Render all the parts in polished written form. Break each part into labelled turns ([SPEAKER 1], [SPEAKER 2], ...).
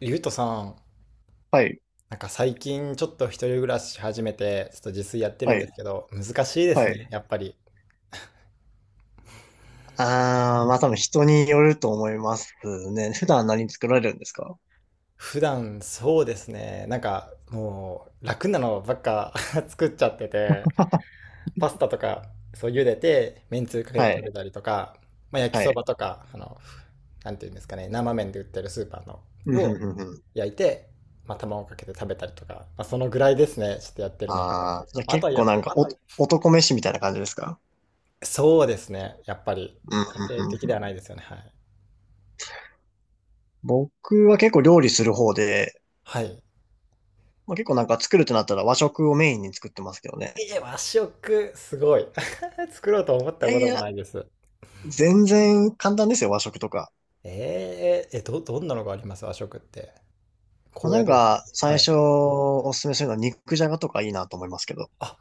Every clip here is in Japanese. [SPEAKER 1] ゆうとさん、
[SPEAKER 2] はい、
[SPEAKER 1] なんか最近ちょっと一人暮らし始めて、ちょっと自炊やってる
[SPEAKER 2] は
[SPEAKER 1] んで
[SPEAKER 2] い、
[SPEAKER 1] すけど、難しいで
[SPEAKER 2] は
[SPEAKER 1] す
[SPEAKER 2] い。
[SPEAKER 1] ね、やっぱり。
[SPEAKER 2] ああ、まあ多分人によると思いますね。普段何作られるんですか？
[SPEAKER 1] 普段そうですね、なんかもう楽なのばっか 作っちゃってて、パスタとか、そう、茹でて、めんつゆかけて
[SPEAKER 2] は
[SPEAKER 1] 食
[SPEAKER 2] い、
[SPEAKER 1] べたりとか、まあ、焼き
[SPEAKER 2] は
[SPEAKER 1] そ
[SPEAKER 2] い。
[SPEAKER 1] ばとか、なんていうんですかね、生麺で売ってるスーパーの
[SPEAKER 2] うん、う
[SPEAKER 1] を
[SPEAKER 2] ん、うん。うん。
[SPEAKER 1] 焼いて、まあ、卵かけて食べたりとか、まあ、そのぐらいですね、ちょっとやってるのは。
[SPEAKER 2] ああ、じゃあ
[SPEAKER 1] あと
[SPEAKER 2] 結
[SPEAKER 1] は
[SPEAKER 2] 構
[SPEAKER 1] や、
[SPEAKER 2] なんか男飯みたいな感じですか？
[SPEAKER 1] そうですね。やっぱり、
[SPEAKER 2] うん、うん、
[SPEAKER 1] 家庭的
[SPEAKER 2] う
[SPEAKER 1] で
[SPEAKER 2] んう
[SPEAKER 1] は
[SPEAKER 2] ん。
[SPEAKER 1] ないですよね。はい。
[SPEAKER 2] 僕は結構料理する方で、
[SPEAKER 1] はい。
[SPEAKER 2] まあ、結構なんか作るとなったら和食をメインに作ってますけどね。
[SPEAKER 1] 和食、すごい。作ろうと思っ
[SPEAKER 2] い
[SPEAKER 1] た
[SPEAKER 2] や
[SPEAKER 1] こ
[SPEAKER 2] い
[SPEAKER 1] とも
[SPEAKER 2] や、
[SPEAKER 1] ないです。
[SPEAKER 2] 全然簡単ですよ、和食とか。
[SPEAKER 1] どんなのがあります、和食って。
[SPEAKER 2] まあ、
[SPEAKER 1] 高
[SPEAKER 2] な
[SPEAKER 1] 野
[SPEAKER 2] ん
[SPEAKER 1] 豆腐で。
[SPEAKER 2] か、
[SPEAKER 1] は
[SPEAKER 2] 最
[SPEAKER 1] い。
[SPEAKER 2] 初おすすめするのは肉じゃがとかいいなと思いますけど。
[SPEAKER 1] あ、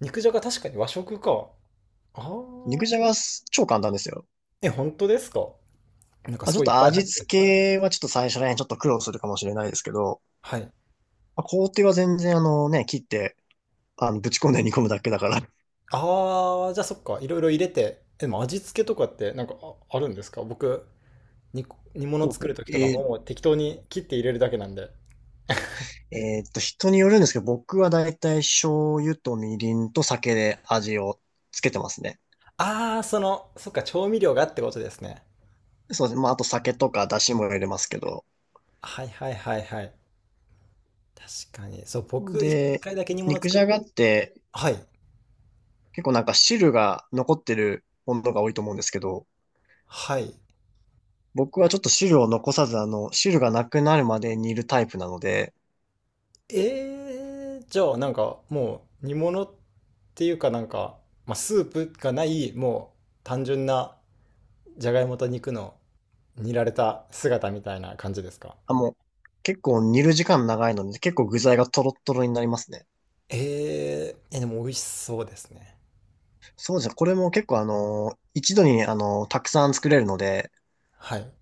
[SPEAKER 1] 肉じゃが確かに和食か。あ
[SPEAKER 2] 肉じゃ
[SPEAKER 1] あ。
[SPEAKER 2] がす超簡単ですよ。
[SPEAKER 1] え、本当ですか？なんか
[SPEAKER 2] まあ、
[SPEAKER 1] す
[SPEAKER 2] ちょっ
[SPEAKER 1] ごいいっ
[SPEAKER 2] と
[SPEAKER 1] ぱい
[SPEAKER 2] 味
[SPEAKER 1] 入っ
[SPEAKER 2] 付
[SPEAKER 1] て。
[SPEAKER 2] けはちょっと最初ね、ちょっと苦労するかもしれないですけど、
[SPEAKER 1] はい。
[SPEAKER 2] まあ、工程は全然あのね、切って、ぶち込んで煮込むだけだから。
[SPEAKER 1] ああ、じゃあそっか。いろいろ入れて。え、でも味付けとかってなんか、あ、あるんですか？僕、煮、煮物
[SPEAKER 2] ほう
[SPEAKER 1] 作
[SPEAKER 2] ほ
[SPEAKER 1] る
[SPEAKER 2] う
[SPEAKER 1] ときとか
[SPEAKER 2] えー
[SPEAKER 1] もう適当に切って入れるだけなんで。
[SPEAKER 2] えーっと、人によるんですけど、僕はだいたい醤油とみりんと酒で味をつけてますね。
[SPEAKER 1] ああ、その、そっか、調味料がってことですね。
[SPEAKER 2] そうですね。まあ、あと酒とか出汁も入れますけど。
[SPEAKER 1] はいはいはいはい。確かに。そう、僕、一
[SPEAKER 2] で、
[SPEAKER 1] 回だけ煮物
[SPEAKER 2] 肉
[SPEAKER 1] 作
[SPEAKER 2] じ
[SPEAKER 1] っ
[SPEAKER 2] ゃが
[SPEAKER 1] て、
[SPEAKER 2] って
[SPEAKER 1] はい。
[SPEAKER 2] 結構なんか汁が残ってるものが多いと思うんですけど、
[SPEAKER 1] はい。
[SPEAKER 2] 僕はちょっと汁を残さず、汁がなくなるまで煮るタイプなので、
[SPEAKER 1] じゃあ、なんか、もう、煮物っていうかなんか、まあ、スープがない、もう、単純な、じゃがいもと肉の煮られた姿みたいな感じですか？
[SPEAKER 2] あ、もう、結構煮る時間長いので、結構具材がトロットロになりますね。
[SPEAKER 1] え、でも美味しそうですね。
[SPEAKER 2] そうじゃこれも結構一度にたくさん作れるので、
[SPEAKER 1] はい。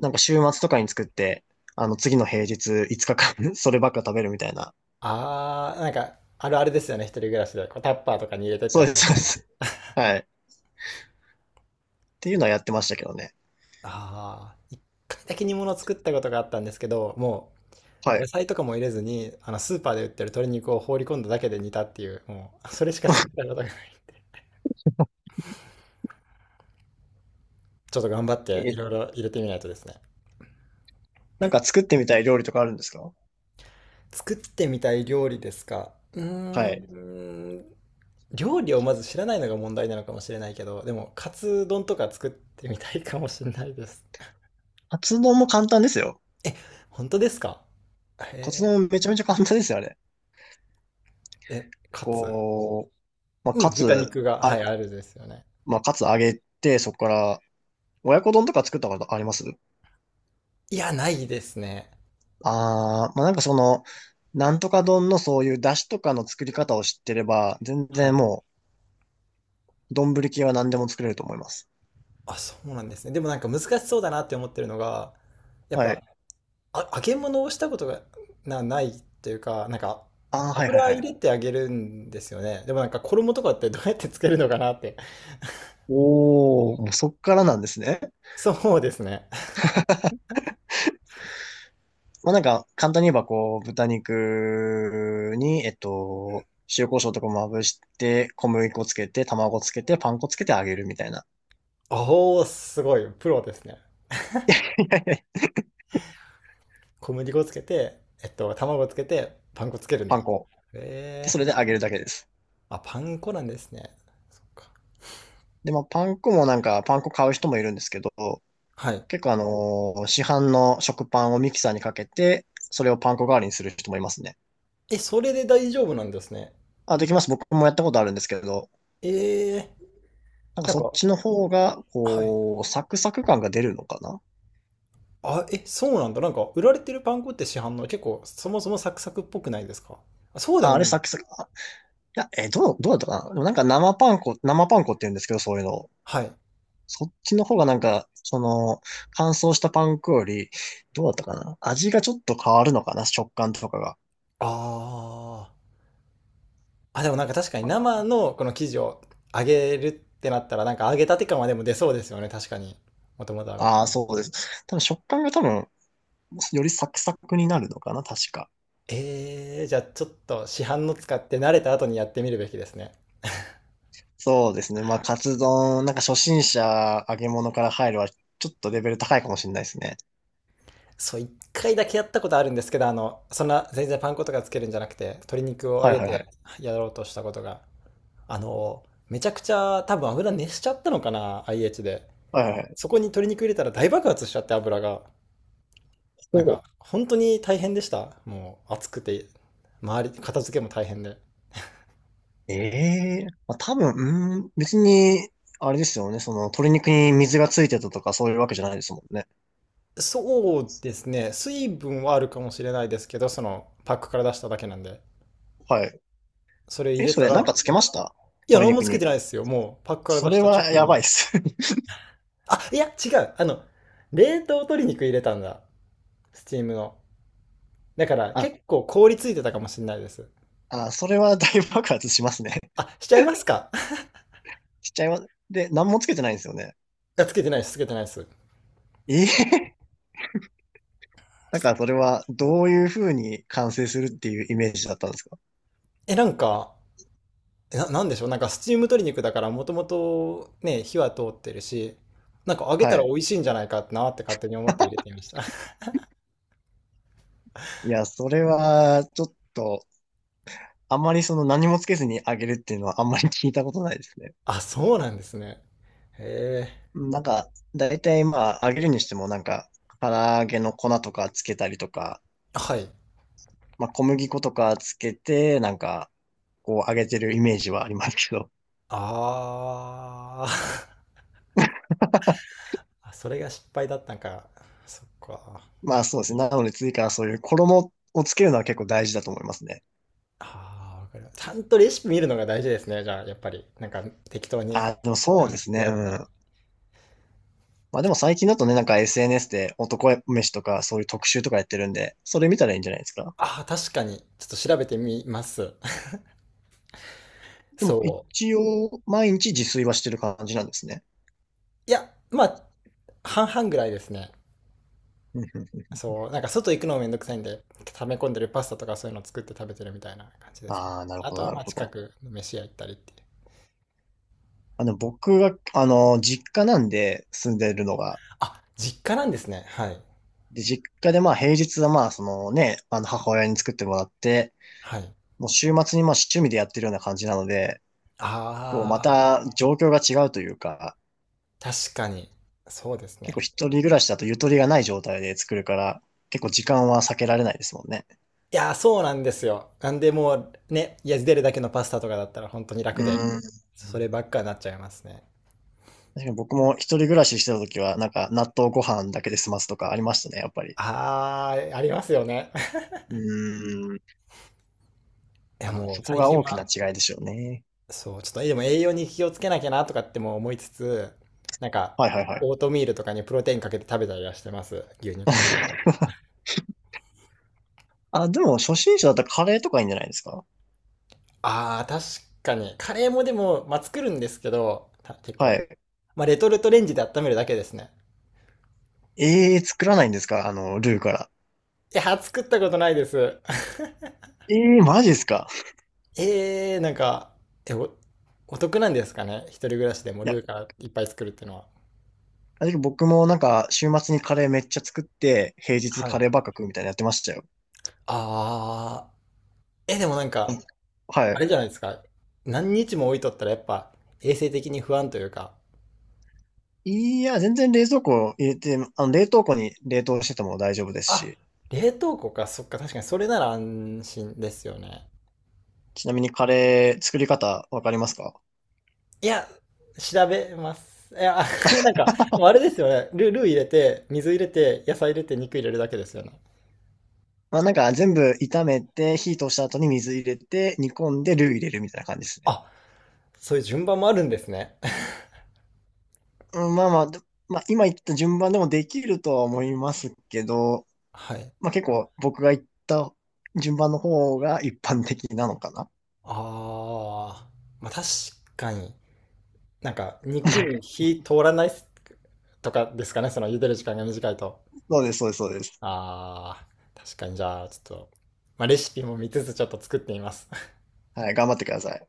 [SPEAKER 2] なんか週末とかに作って、次の平日5日間 そればっか食べるみたいな。
[SPEAKER 1] あー、なんか、あるあるですよね、一人暮らしで。こうタッパーとかに入れてって
[SPEAKER 2] そ
[SPEAKER 1] や
[SPEAKER 2] う
[SPEAKER 1] つ
[SPEAKER 2] で
[SPEAKER 1] で
[SPEAKER 2] す、
[SPEAKER 1] す
[SPEAKER 2] そう
[SPEAKER 1] よ
[SPEAKER 2] で
[SPEAKER 1] ね。
[SPEAKER 2] す。はい。っていうのはやってましたけどね。
[SPEAKER 1] ああ、一回だけ煮物を作ったことがあったんですけど、も
[SPEAKER 2] は
[SPEAKER 1] う野
[SPEAKER 2] い。
[SPEAKER 1] 菜とかも入れずに、あのスーパーで売ってる鶏肉を放り込んだだけで煮たっていう、もうそれしか作ったことがない。ちょっと頑張っ てい
[SPEAKER 2] え、
[SPEAKER 1] ろいろ入れてみないとですね。
[SPEAKER 2] なんか作ってみたい料理とかあるんですか？
[SPEAKER 1] 作ってみたい料理ですか。うー
[SPEAKER 2] はい。
[SPEAKER 1] ん、料理をまず知らないのが問題なのかもしれないけど、でもカツ丼とか作ってみたいかもしれないです。
[SPEAKER 2] カツ丼も簡単ですよ。
[SPEAKER 1] 本当ですか？
[SPEAKER 2] カツ
[SPEAKER 1] へ
[SPEAKER 2] 丼めちゃめちゃ簡単ですよ、あれ。
[SPEAKER 1] え、え、カツ。
[SPEAKER 2] こう、まあ、
[SPEAKER 1] うん、豚肉が、
[SPEAKER 2] あ、
[SPEAKER 1] はい、あるですよね。
[SPEAKER 2] カツ揚げて、そこから親子丼とか作ったことあります？
[SPEAKER 1] いや、ないですね。
[SPEAKER 2] ああー、まあ、なんかなんとか丼のそういう出汁とかの作り方を知ってれば、全
[SPEAKER 1] は
[SPEAKER 2] 然
[SPEAKER 1] い。
[SPEAKER 2] もう、丼系は何でも作れると思います。
[SPEAKER 1] あ、そうなんですね。でもなんか難しそうだなって思ってるのが、やっ
[SPEAKER 2] は
[SPEAKER 1] ぱ、
[SPEAKER 2] い。
[SPEAKER 1] あ、揚げ物をしたことがないっていうか、なんか、
[SPEAKER 2] ああ、はいはい
[SPEAKER 1] 油
[SPEAKER 2] は
[SPEAKER 1] 入
[SPEAKER 2] い。
[SPEAKER 1] れて揚げるんですよね。でもなんか衣とかってどうやってつけるのかなって。
[SPEAKER 2] おー、もうそっからなんですね。
[SPEAKER 1] そうですね。
[SPEAKER 2] まあ、なんか、簡単に言えばこう、豚肉に、塩コショウとかまぶして、小麦粉つけて、卵つけて、パン粉つけて揚げるみたいな。
[SPEAKER 1] おおー、すごい、プロですね。
[SPEAKER 2] いやいやいや。
[SPEAKER 1] 小麦粉つけて、えっと、卵つけて、パン粉つけるん
[SPEAKER 2] パン
[SPEAKER 1] だ。
[SPEAKER 2] 粉。で、そ
[SPEAKER 1] え
[SPEAKER 2] れ
[SPEAKER 1] え、
[SPEAKER 2] で揚げるだけです。
[SPEAKER 1] あ、パン粉なんですね。そっか。
[SPEAKER 2] で、まあ、パン粉もなんか、パン粉買う人もいるんですけど、
[SPEAKER 1] はい。
[SPEAKER 2] 結構市販の食パンをミキサーにかけて、それをパン粉代わりにする人もいますね。
[SPEAKER 1] え、それで大丈夫なんですね。
[SPEAKER 2] あ、できます。僕もやったことあるんですけど、
[SPEAKER 1] ええ、
[SPEAKER 2] なんか
[SPEAKER 1] なん
[SPEAKER 2] そっ
[SPEAKER 1] か、
[SPEAKER 2] ちの方が、
[SPEAKER 1] はい。
[SPEAKER 2] こう、サクサク感が出るのかな
[SPEAKER 1] あ、え、そうなんだ。なんか、売られてるパン粉って市販の結構、そもそもサクサクっぽくないですか？あ、そうで
[SPEAKER 2] あ、
[SPEAKER 1] も
[SPEAKER 2] あれ
[SPEAKER 1] ないの？
[SPEAKER 2] サクサク、あ、いや、どうだったかな？でもなんか生パン粉、生パン粉って言うんですけど、そういうのを。
[SPEAKER 1] はい。
[SPEAKER 2] そっちの方がなんか、乾燥したパン粉より、どうだったかな、味がちょっと変わるのかな、食感とかが。
[SPEAKER 1] ああ。あ、でもなんか確かに生のこの生地を揚げるってなったら、なんか揚げたて感はでも出そうですよね。確かに。もともと揚がって
[SPEAKER 2] ああ、
[SPEAKER 1] る。
[SPEAKER 2] そうです。多分食感が多分、よりサクサクになるのかな、確か。
[SPEAKER 1] じゃあちょっと市販の使って慣れた後にやってみるべきですね。
[SPEAKER 2] そうですね。まあ、カツ丼、なんか初心者揚げ物から入るは、ちょっとレベル高いかもしれないですね。
[SPEAKER 1] そう、一回だけやったことあるんですけど、あの、そんな全然パン粉とかつけるんじゃなくて、鶏肉を揚
[SPEAKER 2] はい
[SPEAKER 1] げ
[SPEAKER 2] はいは
[SPEAKER 1] て
[SPEAKER 2] い。
[SPEAKER 1] やろうとしたことが。あの、めちゃくちゃ多分油熱しちゃったのかな、IH で。
[SPEAKER 2] はいはいはい。
[SPEAKER 1] そこに鶏肉入れたら大爆発しちゃって油が。なん
[SPEAKER 2] ほ
[SPEAKER 1] か、
[SPEAKER 2] う。
[SPEAKER 1] 本当に大変でした。もう暑くて、周り、片付けも大変で。
[SPEAKER 2] ええ、まあ、多分、うーん、別に、あれですよね。鶏肉に水がついてたとか、そういうわけじゃないですもんね。
[SPEAKER 1] そうですね。水分はあるかもしれないですけど、そのパックから出しただけなんで。
[SPEAKER 2] はい。
[SPEAKER 1] それ入
[SPEAKER 2] え、
[SPEAKER 1] れ
[SPEAKER 2] そ
[SPEAKER 1] た
[SPEAKER 2] れ、なん
[SPEAKER 1] ら、
[SPEAKER 2] かつけました？
[SPEAKER 1] いや、
[SPEAKER 2] 鶏
[SPEAKER 1] 何も
[SPEAKER 2] 肉
[SPEAKER 1] つけ
[SPEAKER 2] に。
[SPEAKER 1] てないですよ。もうパックから
[SPEAKER 2] そ
[SPEAKER 1] 出し
[SPEAKER 2] れ
[SPEAKER 1] た
[SPEAKER 2] は
[SPEAKER 1] 直後
[SPEAKER 2] や
[SPEAKER 1] の。
[SPEAKER 2] ばいっす。
[SPEAKER 1] あ、いや、違う。あの、冷凍鶏肉入れたんだ。スチームの。だか ら
[SPEAKER 2] あ、
[SPEAKER 1] 結構凍りついてたかもしれないです。
[SPEAKER 2] あ、それは大爆発しますね。
[SPEAKER 1] あ、しちゃいますか？
[SPEAKER 2] しちゃいます。で、何もつけてないんですよね。
[SPEAKER 1] つけてないです、つけてないです。
[SPEAKER 2] ええ、なんかそれは、どういうふうに完成するっていうイメージだったんですか？
[SPEAKER 1] え、なんか、なんでしょう、なんかスチーム鶏肉だからもともとね、火は通ってるし、なんか揚げ
[SPEAKER 2] は
[SPEAKER 1] たら
[SPEAKER 2] い。
[SPEAKER 1] 美味しいんじゃないかなって勝手に思って入れてみました。
[SPEAKER 2] いや、それは、ちょっと、あまり何もつけずに揚げるっていうのはあんまり聞いたことないですね。
[SPEAKER 1] あ、そうなんですね。へえ。
[SPEAKER 2] うん。なんか、だいたいまあ、揚げるにしてもなんか、唐揚げの粉とかつけたりとか、
[SPEAKER 1] はい。
[SPEAKER 2] まあ、小麦粉とかつけて、なんか、こう揚げてるイメージはありますけど。
[SPEAKER 1] あー。 あ、それが失敗だったんか。そっか。
[SPEAKER 2] まあそうですね。なので次からそういう衣をつけるのは結構大事だと思いますね。
[SPEAKER 1] ああ、わかる。ちゃんとレシピ見るのが大事ですね。じゃあ、やっぱり。なんか適当に
[SPEAKER 2] あ、でもそう
[SPEAKER 1] 感
[SPEAKER 2] です
[SPEAKER 1] 覚で
[SPEAKER 2] ね。
[SPEAKER 1] や
[SPEAKER 2] う
[SPEAKER 1] るんだな。
[SPEAKER 2] ん。まあでも最近だとね、なんか SNS で男飯とかそういう特集とかやってるんで、それ見たらいいんじゃないですか。
[SPEAKER 1] ああ、確かに。ちょっと調べてみます。
[SPEAKER 2] でも
[SPEAKER 1] そう。
[SPEAKER 2] 一応、毎日自炊はしてる感じなんですね。
[SPEAKER 1] いや、まあ、半々ぐらいですね。
[SPEAKER 2] うんうんうん。
[SPEAKER 1] そう、なんか外行くのもめんどくさいんで、溜め込んでるパスタとかそういうの作って食べてるみたいな感じですね。
[SPEAKER 2] ああ、なる
[SPEAKER 1] あ
[SPEAKER 2] ほ
[SPEAKER 1] と
[SPEAKER 2] ど、
[SPEAKER 1] は
[SPEAKER 2] なる
[SPEAKER 1] まあ
[SPEAKER 2] ほ
[SPEAKER 1] 近
[SPEAKER 2] ど。
[SPEAKER 1] くの飯屋行ったりっていう。
[SPEAKER 2] 僕が、実家なんで住んでるのが、
[SPEAKER 1] あ、実家なんですね。はい。
[SPEAKER 2] で、実家でまあ平日はまあそのね、あの母親に作ってもらって、
[SPEAKER 1] はい。
[SPEAKER 2] もう週末にまあ趣味でやってるような感じなので、こうま
[SPEAKER 1] ああ、
[SPEAKER 2] た状況が違うというか、
[SPEAKER 1] 確かに。そうです
[SPEAKER 2] 結構
[SPEAKER 1] ね。
[SPEAKER 2] 一人暮らしだとゆとりがない状態で作るから、結構時間は避けられないですもんね。
[SPEAKER 1] いやー、そうなんですよ。なんでもうね、いや茹でるだけのパスタとかだったら本当に楽で、
[SPEAKER 2] うん。確
[SPEAKER 1] そればっかになっちゃいますね。
[SPEAKER 2] かに僕も一人暮らししてた時は、なんか納豆ご飯だけで済ますとかありましたね、やっぱり。
[SPEAKER 1] ああ、ありますよね。
[SPEAKER 2] うーん。
[SPEAKER 1] いや
[SPEAKER 2] あー、
[SPEAKER 1] もう
[SPEAKER 2] そこ
[SPEAKER 1] 最
[SPEAKER 2] が
[SPEAKER 1] 近
[SPEAKER 2] 大きな
[SPEAKER 1] は
[SPEAKER 2] 違いですよね。
[SPEAKER 1] そう、ちょっとでも栄養に気をつけなきゃなとかっても思いつつ、なんか、
[SPEAKER 2] はいはいはい。
[SPEAKER 1] オートミールとかにプロテインかけて食べたりはしてます。牛乳かけて。
[SPEAKER 2] あ、でも初心者だったらカレーとかいいんじゃないですか？
[SPEAKER 1] ああ、確かに。カレーもでも、まあ、作るんですけど、結
[SPEAKER 2] は
[SPEAKER 1] 構。
[SPEAKER 2] い。
[SPEAKER 1] まあ、レトルトレンジで温めるだけですね。
[SPEAKER 2] ええー、作らないんですか？ルーから。
[SPEAKER 1] いや、作ったことないです。
[SPEAKER 2] ええー、マジですか？
[SPEAKER 1] ええー、なんか、え、お、お得なんですかね。一人暮らしでも
[SPEAKER 2] いや、
[SPEAKER 1] ルーからいっぱい作るっていうのは。
[SPEAKER 2] あれ僕もなんか週末にカレーめっちゃ作って、平日
[SPEAKER 1] は
[SPEAKER 2] カ
[SPEAKER 1] い。
[SPEAKER 2] レーばっか食うみたいなのやってましたよ。
[SPEAKER 1] ああ、え、でもなん
[SPEAKER 2] うん。
[SPEAKER 1] か、
[SPEAKER 2] は
[SPEAKER 1] あ
[SPEAKER 2] い。
[SPEAKER 1] れじゃないですか。何日も置いとったらやっぱ衛生的に不安というか、
[SPEAKER 2] いや、全然冷蔵庫入れて、冷凍庫に冷凍してても大丈夫です
[SPEAKER 1] あ、
[SPEAKER 2] し。
[SPEAKER 1] 冷凍庫か、そっか、確かにそれなら安心ですよね。
[SPEAKER 2] ちなみにカレー作り方わかりますか？
[SPEAKER 1] いや、調べます。いや、なんか、でもあれですよね。ルー入れて、水入れて、野菜入れて、肉入れるだけですよね。
[SPEAKER 2] まあなんか全部炒めて、火通した後に水入れて、煮込んでルー入れるみたいな感じですね。
[SPEAKER 1] あ、そういう順番もあるんですね。
[SPEAKER 2] うん、まあまあ、でまあ今言った順番でもできるとは思いますけど、
[SPEAKER 1] はい。
[SPEAKER 2] まあ結構僕が言った順番の方が一般的なのかな。
[SPEAKER 1] ああ、まあ確かに。なんか、肉に火通らないとかですかね、その茹でる時間が短いと。
[SPEAKER 2] そうです、そうです、そうです。
[SPEAKER 1] ああ、確かにじゃあ、ちょっと、まあレシピも見つつちょっと作ってみます。
[SPEAKER 2] はい、頑張ってください。